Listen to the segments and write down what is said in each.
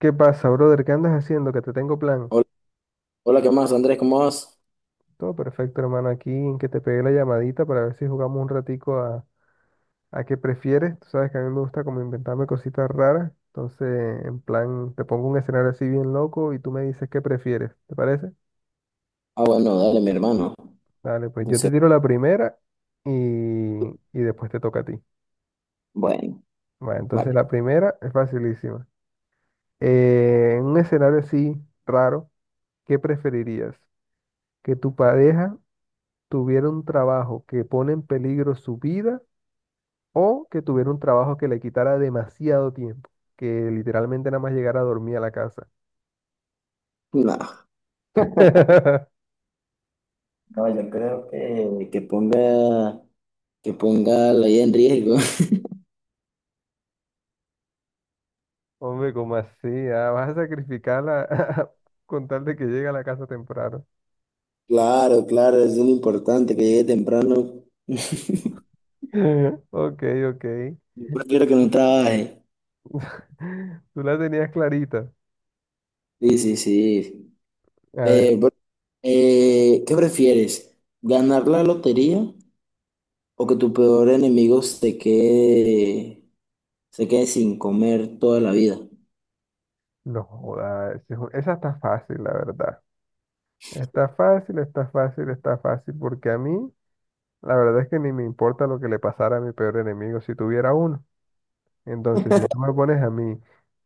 ¿Qué pasa, brother? ¿Qué andas haciendo? Que te tengo plan. Hola, hola, ¿qué más, Andrés? ¿Cómo vas? Todo perfecto, hermano. Aquí en que te pegué la llamadita para ver si jugamos un ratico a qué prefieres. Tú sabes que a mí me gusta como inventarme cositas raras. Entonces, en plan, te pongo un escenario así bien loco y tú me dices qué prefieres. ¿Te parece? Ah, bueno, dale, mi hermano. Dale, pues yo te Dice, tiro la primera y, y después te toca a ti. bueno, Bueno, entonces vale. la primera es facilísima. En un escenario así raro, ¿qué preferirías? ¿Que tu pareja tuviera un trabajo que pone en peligro su vida o que tuviera un trabajo que le quitara demasiado tiempo, que literalmente nada más llegara a dormir a la casa? No, no, yo creo que ponga la vida en riesgo. Hombre, ¿cómo así? Ah, vas a sacrificarla con tal de que llegue a la casa temprano. Claro, claro, es muy importante, que llegue temprano. Ok, ok. Yo prefiero que no trabaje. Tú la tenías clarita. Sí, sí, sí. A ver, Bro, ¿qué prefieres? ¿Ganar la lotería o que tu peor enemigo se quede sin comer toda la vida? no joda, esa está fácil, la verdad. Está fácil, está fácil, está fácil, porque a mí, la verdad es que ni me importa lo que le pasara a mi peor enemigo si tuviera uno. Entonces, si tú me pones a mí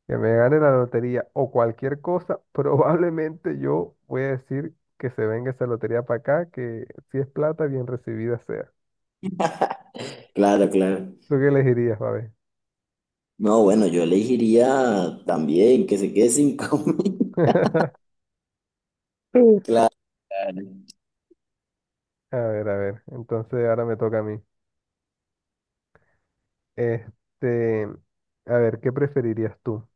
que me gane la lotería o cualquier cosa, probablemente yo voy a decir que se venga esa lotería para acá, que si es plata, bien recibida sea. Claro, claro. ¿Tú qué elegirías, Babe? No, bueno, yo elegiría también que se quede sin comida. Sí. Claro. A ver, a ver. Entonces, ahora me toca a mí. Este, a ver, ¿qué preferirías tú?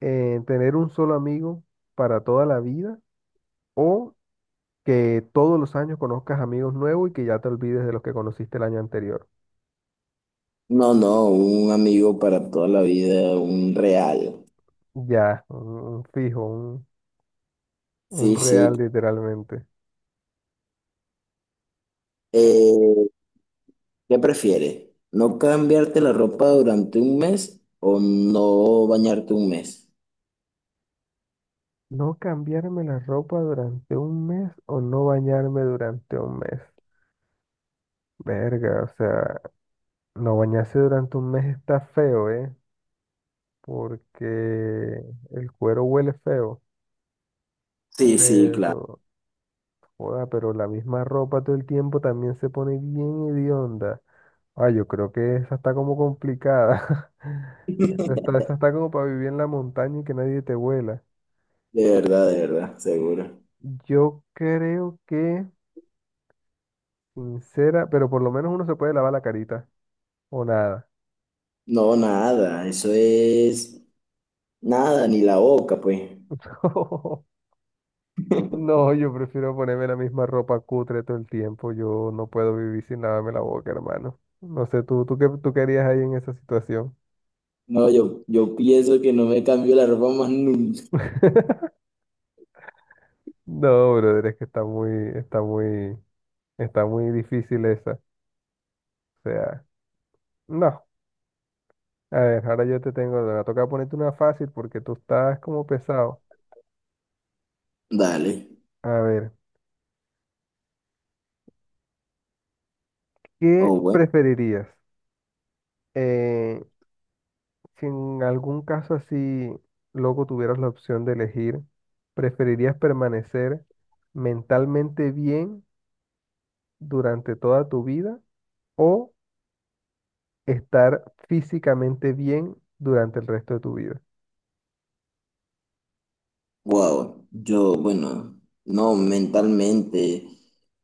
¿Tener un solo amigo para toda la vida o que todos los años conozcas amigos nuevos y que ya te olvides de los que conociste el año anterior? No, no, un amigo para toda la vida, un real. Ya, un fijo. Un Sí, sí. real literalmente. Eh, ¿Qué prefieres? ¿No cambiarte la ropa durante un mes o no bañarte un mes? No cambiarme la ropa durante un mes o no bañarme durante un mes. Verga, o sea, no bañarse durante un mes está feo, ¿eh? Porque el cuero huele feo. Sí, sí, claro. Pero, joda, pero la misma ropa todo el tiempo también se pone bien hedionda. Ah, yo creo que esa está como complicada. Esa está como para vivir en la montaña y que nadie te huela. De verdad, seguro. Yo creo que sincera, pero por lo menos uno se puede lavar la carita. O nada. No, nada, eso es nada, ni la boca, pues. No, yo prefiero ponerme la misma ropa cutre todo el tiempo. Yo no puedo vivir sin lavarme la boca, hermano. No sé, tú, qué tú querías ahí en esa situación. No, yo pienso que no me cambio la ropa más nunca. No, brother, es que está muy, está muy difícil esa. O sea, no. A ver, ahora yo te tengo, me va a tocar ponerte una fácil porque tú estás como pesado. Dale. A ver, ¿qué O bueno. preferirías? Eh, Si en algún caso así, loco, tuvieras la opción de elegir, ¿preferirías permanecer mentalmente bien durante toda tu vida o estar físicamente bien durante el resto de tu vida? Wow, yo, bueno, no, mentalmente,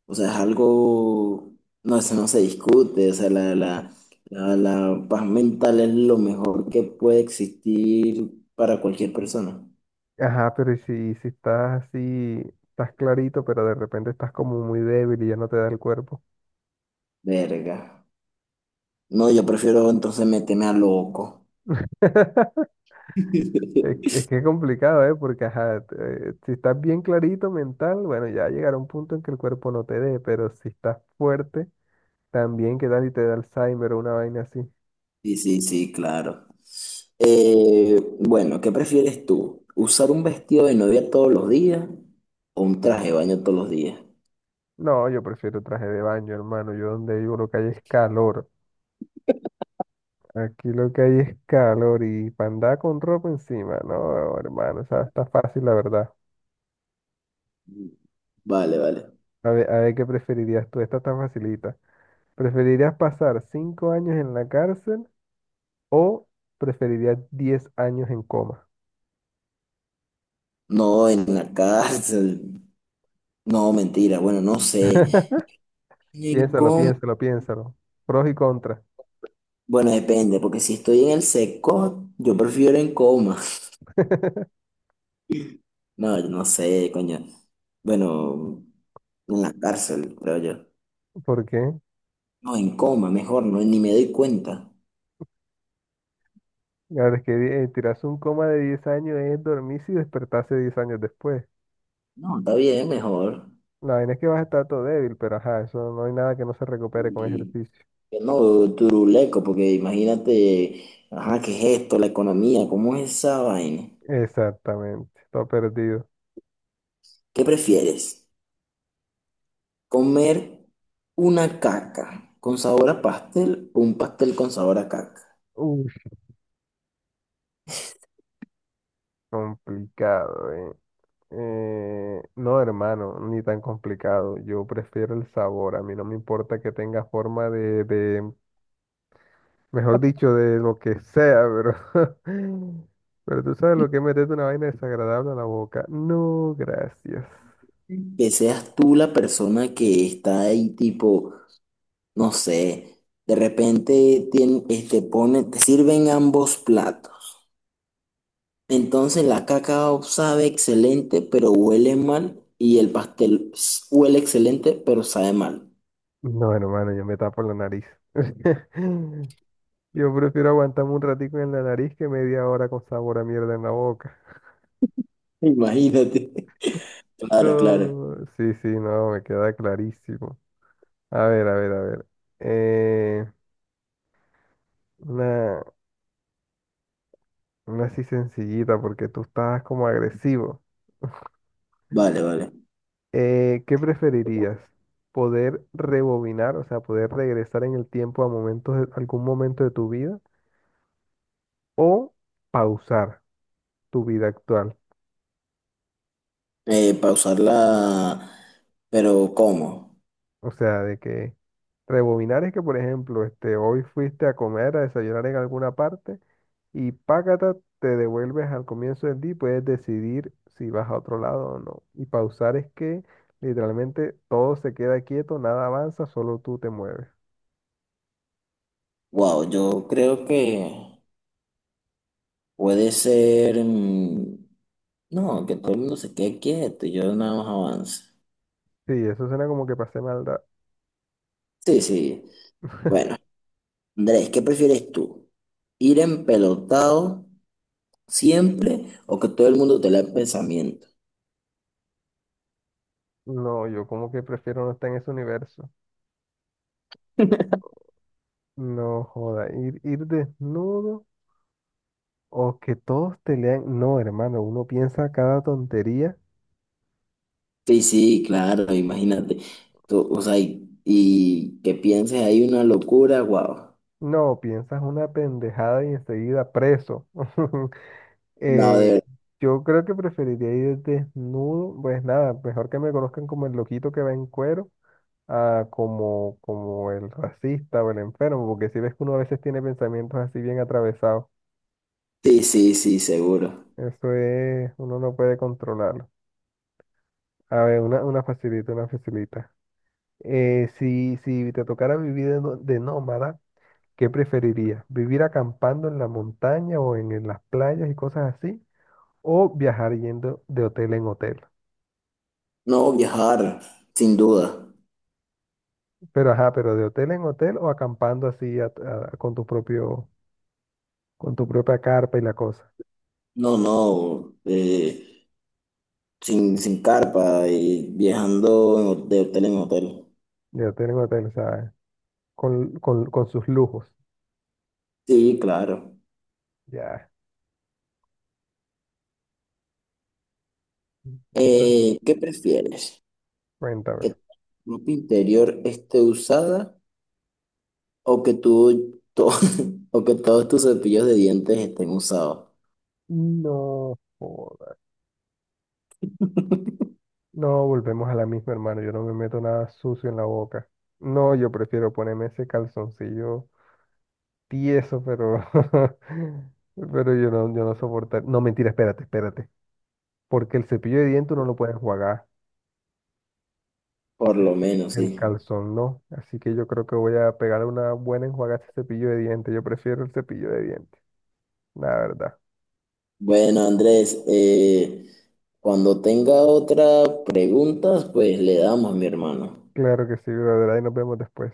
o sea, es algo, no, eso no se discute, o sea, la paz mental es lo mejor que puede existir para cualquier persona. Ajá, pero ¿y si estás así, estás clarito, pero de repente estás como muy débil y ya no te da el cuerpo? Verga. No, yo prefiero entonces meterme a loco. Es, que es que es complicado, ¿eh? Porque, ajá, si estás bien clarito mental, bueno, ya llegará un punto en que el cuerpo no te dé, pero si estás fuerte también, ¿qué tal si te da Alzheimer o una vaina así? Sí, sí, sí, claro. Bueno, ¿qué prefieres tú? ¿Usar un vestido de novia todos los días o un traje de baño todos los días? No, yo prefiero traje de baño, hermano. Yo donde vivo lo que hay es calor. Aquí lo que hay es calor y para andar con ropa encima. No, hermano, o sea, está fácil, la verdad. Vale, vale. A ver qué preferirías tú. Esta está facilita. ¿Preferirías pasar 5 años en la cárcel o preferirías 10 años en coma? No, en la cárcel. No, mentira. Bueno, no sé. En Piénsalo, coma. piénsalo, piénsalo. Pros y contras. Bueno, depende, porque si estoy en el seco, yo prefiero en coma. No, yo no sé, coño. Bueno, en la cárcel, creo yo. ¿Por qué? No, en coma, mejor, no, ni me doy cuenta. Claro, es que tirarse un coma de 10 años es dormirse y despertarse 10 años después. No, está bien, mejor. La vaina es que vas a estar todo débil, pero ajá, eso no hay nada que no se recupere con Y, ejercicio. que no, turuleco, porque imagínate, ajá, ¿qué es esto? La economía, ¿cómo es esa vaina? Exactamente, todo perdido. ¿Qué prefieres? Comer una caca con sabor a pastel o un pastel con sabor a caca. Uf, complicado, eh. No, hermano, ni tan complicado. Yo prefiero el sabor. A mí no me importa que tenga forma mejor dicho, de lo que sea, pero, pero tú sabes lo que es meterte una vaina desagradable a la boca. No, gracias. Que seas tú la persona que está ahí tipo, no sé, de repente este, pone, te sirven ambos platos. Entonces la caca sabe excelente pero huele mal y el pastel huele excelente pero sabe mal. No, hermano, yo me tapo la nariz. Yo prefiero aguantarme un ratico en la nariz que media hora con sabor a mierda en la boca. Imagínate. Claro, claro. No, sí, sí, no, me queda clarísimo. A ver, a ver, a ver. Eh, una, una así sencillita porque tú estabas como agresivo. Vale, vale. ¿Qué preferirías? ¿Poder rebobinar, o sea, poder regresar en el tiempo a algún momento de tu vida o pausar tu vida actual? Pausarla, pero ¿cómo? O sea, de que rebobinar es que, por ejemplo, hoy fuiste a comer, a desayunar en alguna parte y págata, te devuelves al comienzo del día y puedes decidir si vas a otro lado o no. Y pausar es que literalmente todo se queda quieto, nada avanza, solo tú te mueves. Wow, yo creo que puede ser, no, que todo el mundo se quede quieto y yo nada más avance. Sí, eso suena como que pasé maldad. Sí, sí. Bueno, Andrés, ¿qué prefieres tú? ¿Ir empelotado siempre o que todo el mundo te lea el pensamiento? No, yo como que prefiero no estar en ese universo. No joda, ir desnudo o que todos te lean. No, hermano, uno piensa cada tontería. Sí, sí, claro, imagínate. Tú, o sea, y que pienses ahí una locura, wow. No, piensas una pendejada y enseguida preso. No, de Eh, verdad. yo creo que preferiría ir desnudo, pues nada, mejor que me conozcan como el loquito que va en cuero, a como el racista o el enfermo, porque si ves que uno a veces tiene pensamientos así bien atravesados, Sí, sí, sí, seguro. eso es, uno no puede controlarlo. A ver, una facilita, una facilita. Si te tocara vivir de nómada, ¿qué preferirías? ¿Vivir acampando en la montaña o en las playas y cosas así? O viajar yendo de hotel en hotel. No, viajar, sin duda. Pero ajá, pero de hotel en hotel o acampando así con tu propia carpa y la cosa. No, no. Sin carpa y viajando en de hotel en hotel. De hotel en hotel, o sea, con sus lujos. Sí, claro. Ya. Entonces, ¿Qué prefieres? ¿Que cuéntamelo. tu ropa interior esté usada o que o que todos tus cepillos de dientes estén usados? No joda. No, volvemos a la misma, hermano. Yo no me meto nada sucio en la boca. No, yo prefiero ponerme ese calzoncillo tieso, pero, pero yo no soportar. No, mentira, espérate, espérate. Porque el cepillo de dientes uno lo puede enjuagar. Por lo menos, El sí. calzón no, así que yo creo que voy a pegar una buena enjuagada a ese cepillo de dientes. Yo prefiero el cepillo de dientes, la verdad. Bueno, Andrés, cuando tenga otra pregunta, pues le damos, mi hermano. Claro que sí, brother. Ahí nos vemos después.